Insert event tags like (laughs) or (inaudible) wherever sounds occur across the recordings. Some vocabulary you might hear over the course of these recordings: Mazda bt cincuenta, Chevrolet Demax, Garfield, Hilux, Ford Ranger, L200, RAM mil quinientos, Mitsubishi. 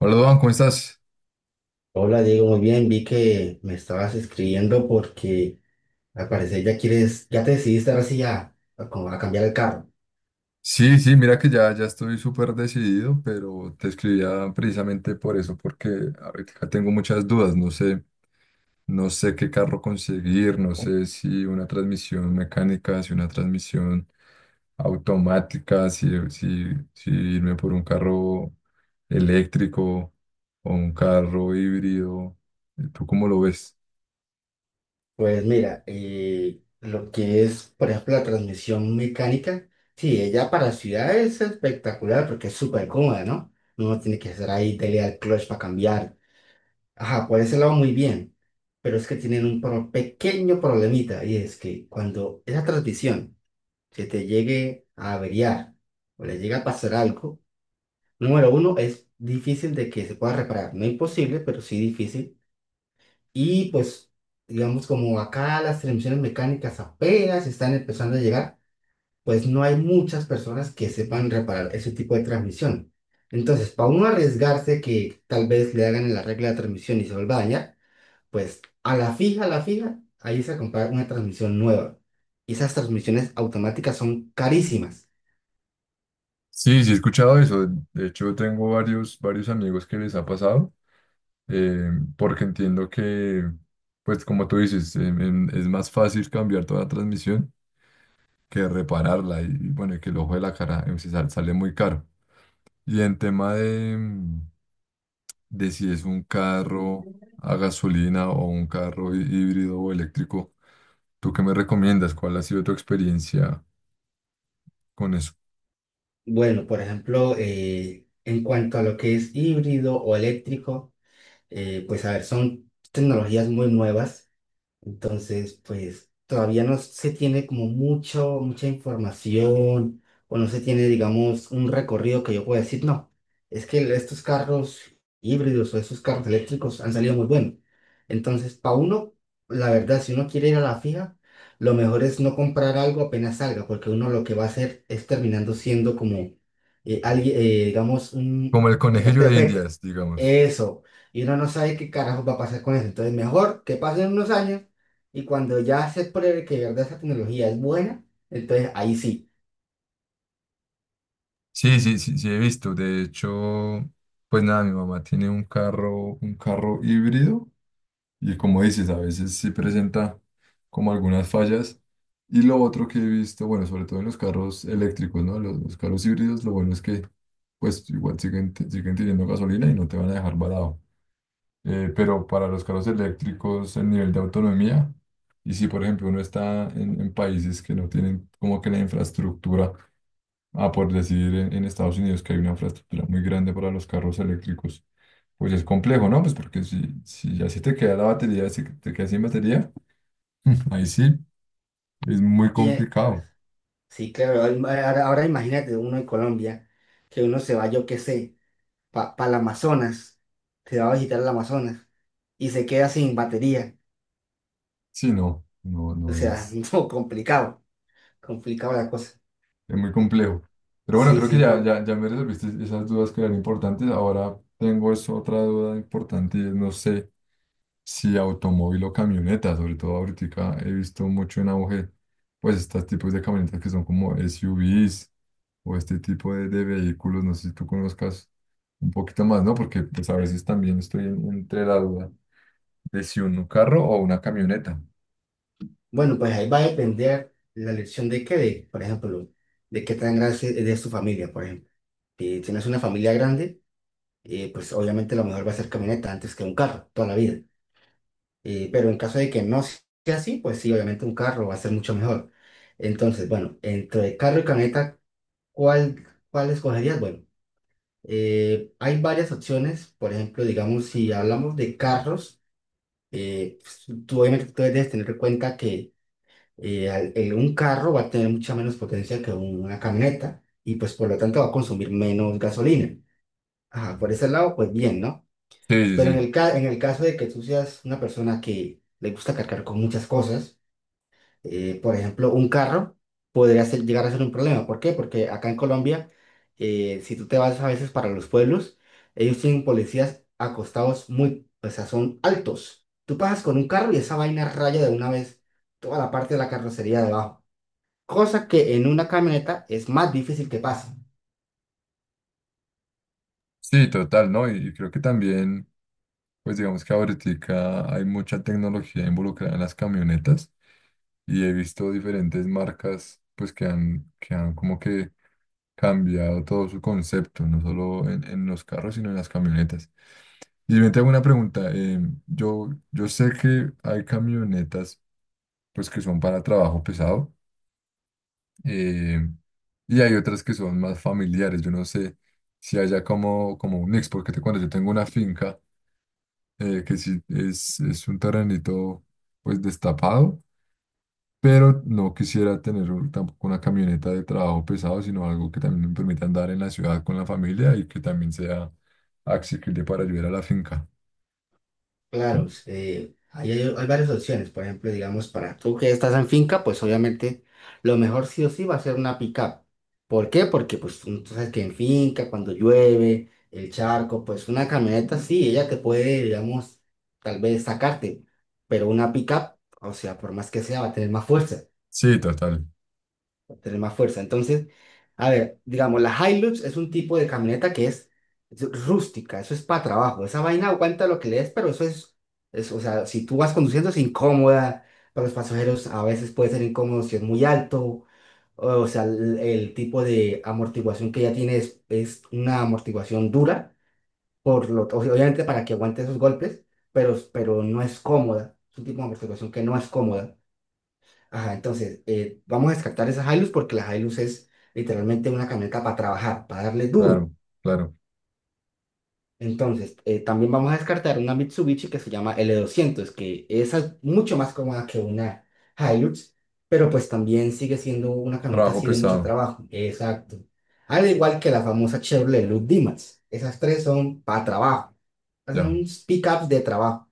Hola, Duan, ¿cómo estás? Hola Diego, muy bien, vi que me estabas escribiendo porque al parecer ya quieres, ya te decidiste ahora sí a como a cambiar el carro. Sí, sí, mira que ya estoy súper decidido, pero te escribía precisamente por eso, porque ahorita tengo muchas dudas, no sé, no sé qué carro conseguir, no sé si una transmisión mecánica, si una transmisión automática, si irme por un carro eléctrico o un carro híbrido. ¿Tú cómo lo ves? Pues mira, lo que es, por ejemplo, la transmisión mecánica, sí, ella para ciudad es espectacular porque es súper cómoda, ¿no? Uno tiene que estar ahí, dele al clutch para cambiar. Ajá, por ese lado muy bien, pero es que tienen un pequeño problemita y es que cuando esa transmisión se te llegue a averiar o le llega a pasar algo, número uno, es difícil de que se pueda reparar. No imposible, pero sí difícil. Y pues, digamos, como acá las transmisiones mecánicas apenas están empezando a llegar, pues no hay muchas personas que sepan reparar ese tipo de transmisión. Entonces, para uno arriesgarse que tal vez le hagan la regla de transmisión y se vuelva a dañar, pues a la fija, ahí se comprar una transmisión nueva. Y esas transmisiones automáticas son carísimas. Sí, sí he escuchado eso. De hecho, tengo varios amigos que les ha pasado. eh, Porque entiendo que, pues como tú dices, es más fácil cambiar toda la transmisión que repararla y bueno, y que el ojo de la cara em, sale muy caro. Y en tema de de si es un carro a gasolina o un carro híbrido o eléctrico, ¿tú qué me recomiendas? ¿Cuál ha sido tu experiencia con eso? Bueno, por ejemplo, en cuanto a lo que es híbrido o eléctrico, pues a ver, son tecnologías muy nuevas. Entonces, pues todavía no se tiene como mucho, mucha información o no se tiene, digamos, un recorrido que yo pueda decir, no, es que estos carros híbridos o estos carros eléctricos han salido muy buenos. Entonces, para uno, la verdad, si uno quiere ir a la fija, lo mejor es no comprar algo apenas salga, porque uno lo que va a hacer es terminando siendo como alguien, digamos, un Como el beta, conejillo de beta. Indias, digamos. Eso. Y uno no sabe qué carajo va a pasar con eso. Entonces, mejor que pasen unos años y cuando ya se pruebe que de verdad esa tecnología es buena, entonces ahí sí. Sí, sí, sí, sí he visto. De hecho, pues nada, mi mamá tiene un carro híbrido. Y como dices, a veces sí presenta como algunas fallas. Y lo otro que he visto, bueno, sobre todo en los carros eléctricos, ¿no? Los carros híbridos, lo bueno es que pues igual siguen teniendo gasolina y no te van a dejar varado. Pero para los carros eléctricos, el nivel de autonomía, y si por ejemplo uno está en países que no tienen como que la infraestructura. Ah, por decir en Estados Unidos que hay una infraestructura muy grande para los carros eléctricos. Pues es complejo, ¿no? Pues porque si, si ya se te queda la batería, si te quedas sin batería, (laughs) ahí sí, es muy Y, complicado. sí, claro, ahora, ahora imagínate uno en Colombia, que uno se va, yo qué sé, para el Amazonas, se va a visitar el Amazonas y se queda sin batería. Sí, no, no, O no sea, es, (laughs) no, complicado, complicado la cosa. es muy complejo. Pero bueno, Sí, creo que sí, ya, por, ya, ya me resolviste esas dudas que eran importantes. Ahora tengo es otra duda importante y es, no sé. Sí, automóvil o camioneta, sobre todo ahorita he visto mucho en auge, pues estos tipos de camionetas que son como SUVs o este tipo de vehículos, no sé si tú conozcas un poquito más, ¿no? Porque pues a veces también estoy entre la duda de si un carro o una camioneta. bueno, pues ahí va a depender la elección de qué, de, por ejemplo, de qué tan grande es tu familia, por ejemplo. Si tienes una familia grande, pues obviamente lo mejor va a ser camioneta antes que un carro, toda la vida. Pero en caso de que no sea así, pues sí, obviamente un carro va a ser mucho mejor. Entonces, bueno, entre carro y camioneta, ¿cuál, cuál escogerías? Bueno, hay varias opciones. Por ejemplo, digamos, si hablamos de carros, pues, tú obviamente tú debes tener en cuenta que un carro va a tener mucha menos potencia que una camioneta y pues por lo tanto va a consumir menos gasolina. Ajá, por ese lado, pues bien, ¿no? Sí, sí, Pero en sí, en el caso de que tú seas una persona que le gusta cargar con muchas cosas, por ejemplo, un carro llegar a ser un problema. ¿Por qué? Porque acá en Colombia, si tú te vas a veces para los pueblos, ellos tienen policías acostados muy, o sea, son altos. Tú pasas con un carro y esa vaina raya de una vez toda la parte de la carrocería de abajo. Cosa que en una camioneta es más difícil que pase. sí, total, ¿no? Y creo que también, pues digamos que ahorita hay mucha tecnología involucrada en las camionetas y he visto diferentes marcas, pues que han como que cambiado todo su concepto, no solo en los carros, sino en las camionetas. Y yo te hago una pregunta. Yo sé que hay camionetas pues que son para trabajo pesado, eh, y hay otras que son más familiares. Yo no sé si haya como un mix, porque te cuento, yo tengo una finca que sí es un terrenito pues destapado, pero no quisiera tener tampoco una camioneta de trabajo pesado, sino algo que también me permita andar en la ciudad con la familia y que también sea accesible para ayudar a la finca. Claro, Como... ahí hay, hay varias opciones. Por ejemplo, digamos, para tú que estás en finca, pues obviamente lo mejor sí o sí va a ser una pickup. ¿Por qué? Porque pues tú sabes que en finca, cuando llueve, el charco, pues una camioneta sí, ella te puede, digamos, tal vez sacarte, pero una pickup, o sea, por más que sea, va a tener más fuerza Sí, total, tener más fuerza. Entonces, a ver, digamos, la Hilux es un tipo de camioneta que es rústica, eso es para trabajo, esa vaina aguanta lo que le des, pero eso es, o sea, si tú vas conduciendo es incómoda, para los pasajeros a veces puede ser incómodo si es muy alto, o, sea, el tipo de amortiguación que ella tiene es una amortiguación dura, por lo, o sea, obviamente para que aguante esos golpes, pero no es cómoda, es un tipo de amortiguación que no es cómoda. Ajá, entonces, vamos a descartar esa Hilux porque la Hilux es literalmente una camioneta para trabajar, para darle duro. claro, claro. Entonces, también vamos a descartar una Mitsubishi que se llama L200, que esa es mucho más cómoda que una Hilux, pero pues también sigue siendo una camioneta Trabajo así de mucho pesado, trabajo. Exacto. Al igual que la famosa Chevrolet Demax. Esas tres son para trabajo. ya, Son pickups de trabajo.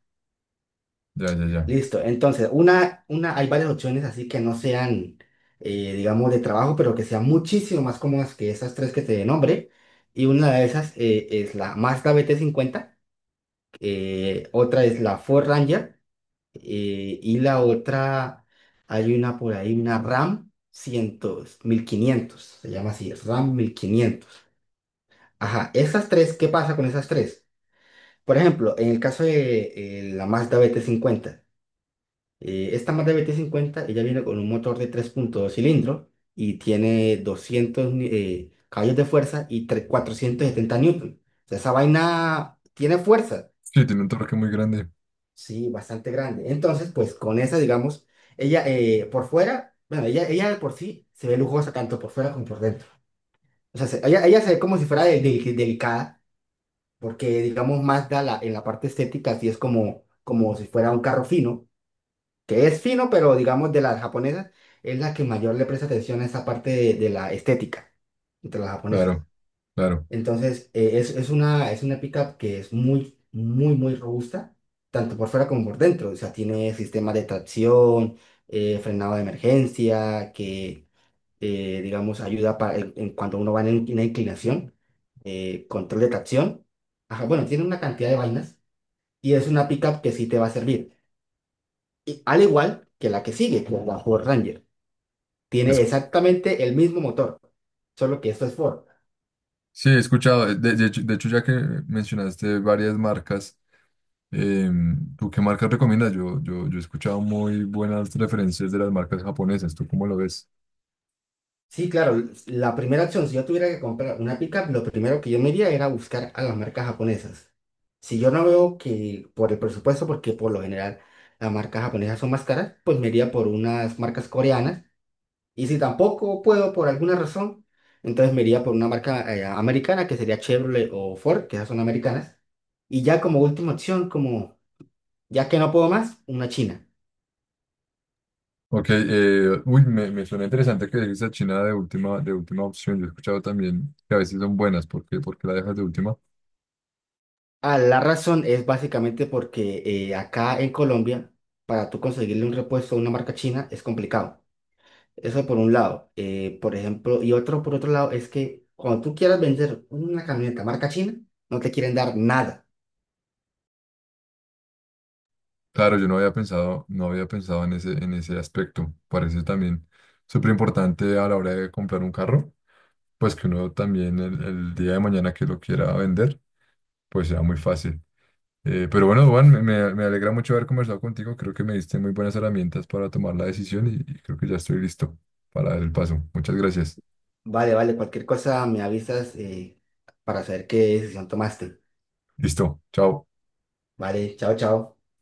ya, ya, ya. Listo, entonces, una, hay varias opciones así que no sean, digamos, de trabajo, pero que sean muchísimo más cómodas que esas tres que te nombré. Y una de esas es la Mazda BT50 otra es la Ford Ranger, y la otra, hay una por ahí, una RAM 100, 1500 se llama así, RAM 1500. Ajá, esas tres, ¿qué pasa con esas tres? Por ejemplo, en el caso de la Mazda BT50. Esta Mazda BT50 ella viene con un motor de 3.2 cilindros y tiene 200 caballos de fuerza y 470 newton. O sea, esa vaina tiene fuerza, Sí, tiene un torque muy grande, sí, bastante grande. Entonces, pues con esa, digamos, ella por fuera, bueno, ella de por sí se ve lujosa tanto por fuera como por dentro. O sea, ella, ella se ve como si fuera delicada, porque digamos, Mazda la, en la parte estética sí es como, como si fuera un carro fino que es fino, pero digamos de las japonesas, es la que mayor le presta atención a esa parte de la estética entre las japonesas. claro, claro. Entonces, es una pickup que es muy, muy, muy robusta, tanto por fuera como por dentro. O sea, tiene sistemas de tracción, frenado de emergencia, que, digamos, ayuda para, en cuanto uno va en una inclinación, control de tracción. Ajá, bueno, tiene una cantidad de vainas y es una pickup que sí te va a servir al igual que la que sigue, que es la Ford Ranger. Es... Tiene exactamente el mismo motor, solo que esto es Ford. sí, he escuchado, de hecho, ya que mencionaste varias marcas, ¿tú qué marcas recomiendas? Yo he escuchado muy buenas referencias de las marcas japonesas, ¿tú cómo lo ves? Sí, claro, la primera opción, si yo tuviera que comprar una pickup, lo primero que yo me iría era buscar a las marcas japonesas. Si yo no veo que por el presupuesto, porque por lo general las marcas japonesas son más caras, pues me iría por unas marcas coreanas. Y si tampoco puedo por alguna razón, entonces me iría por una marca americana, que sería Chevrolet o Ford, que esas son americanas. Y ya como última opción, como ya que no puedo más, una china. Ok, uy, me suena interesante que dejes a China de última opción. Yo he escuchado también que a veces son buenas, porque porque por la dejas de última? Ah, la razón es básicamente porque acá en Colombia, para tú conseguirle un repuesto a una marca china es complicado. Eso por un lado. Por ejemplo, y otro por otro lado es que cuando tú quieras vender una camioneta marca china, no te quieren dar nada. Claro, yo no había pensado, no había pensado en ese aspecto. Parece también súper importante a la hora de comprar un carro, pues que uno también el día de mañana que lo quiera vender, pues sea muy fácil. Pero bueno, Juan, me alegra mucho haber conversado contigo. Creo que me diste muy buenas herramientas para tomar la decisión y creo que ya estoy listo para el paso. Muchas gracias. Vale, vale, cualquier cosa me avisas para saber qué decisión tomaste. Listo, chao. Vale, chao, chao.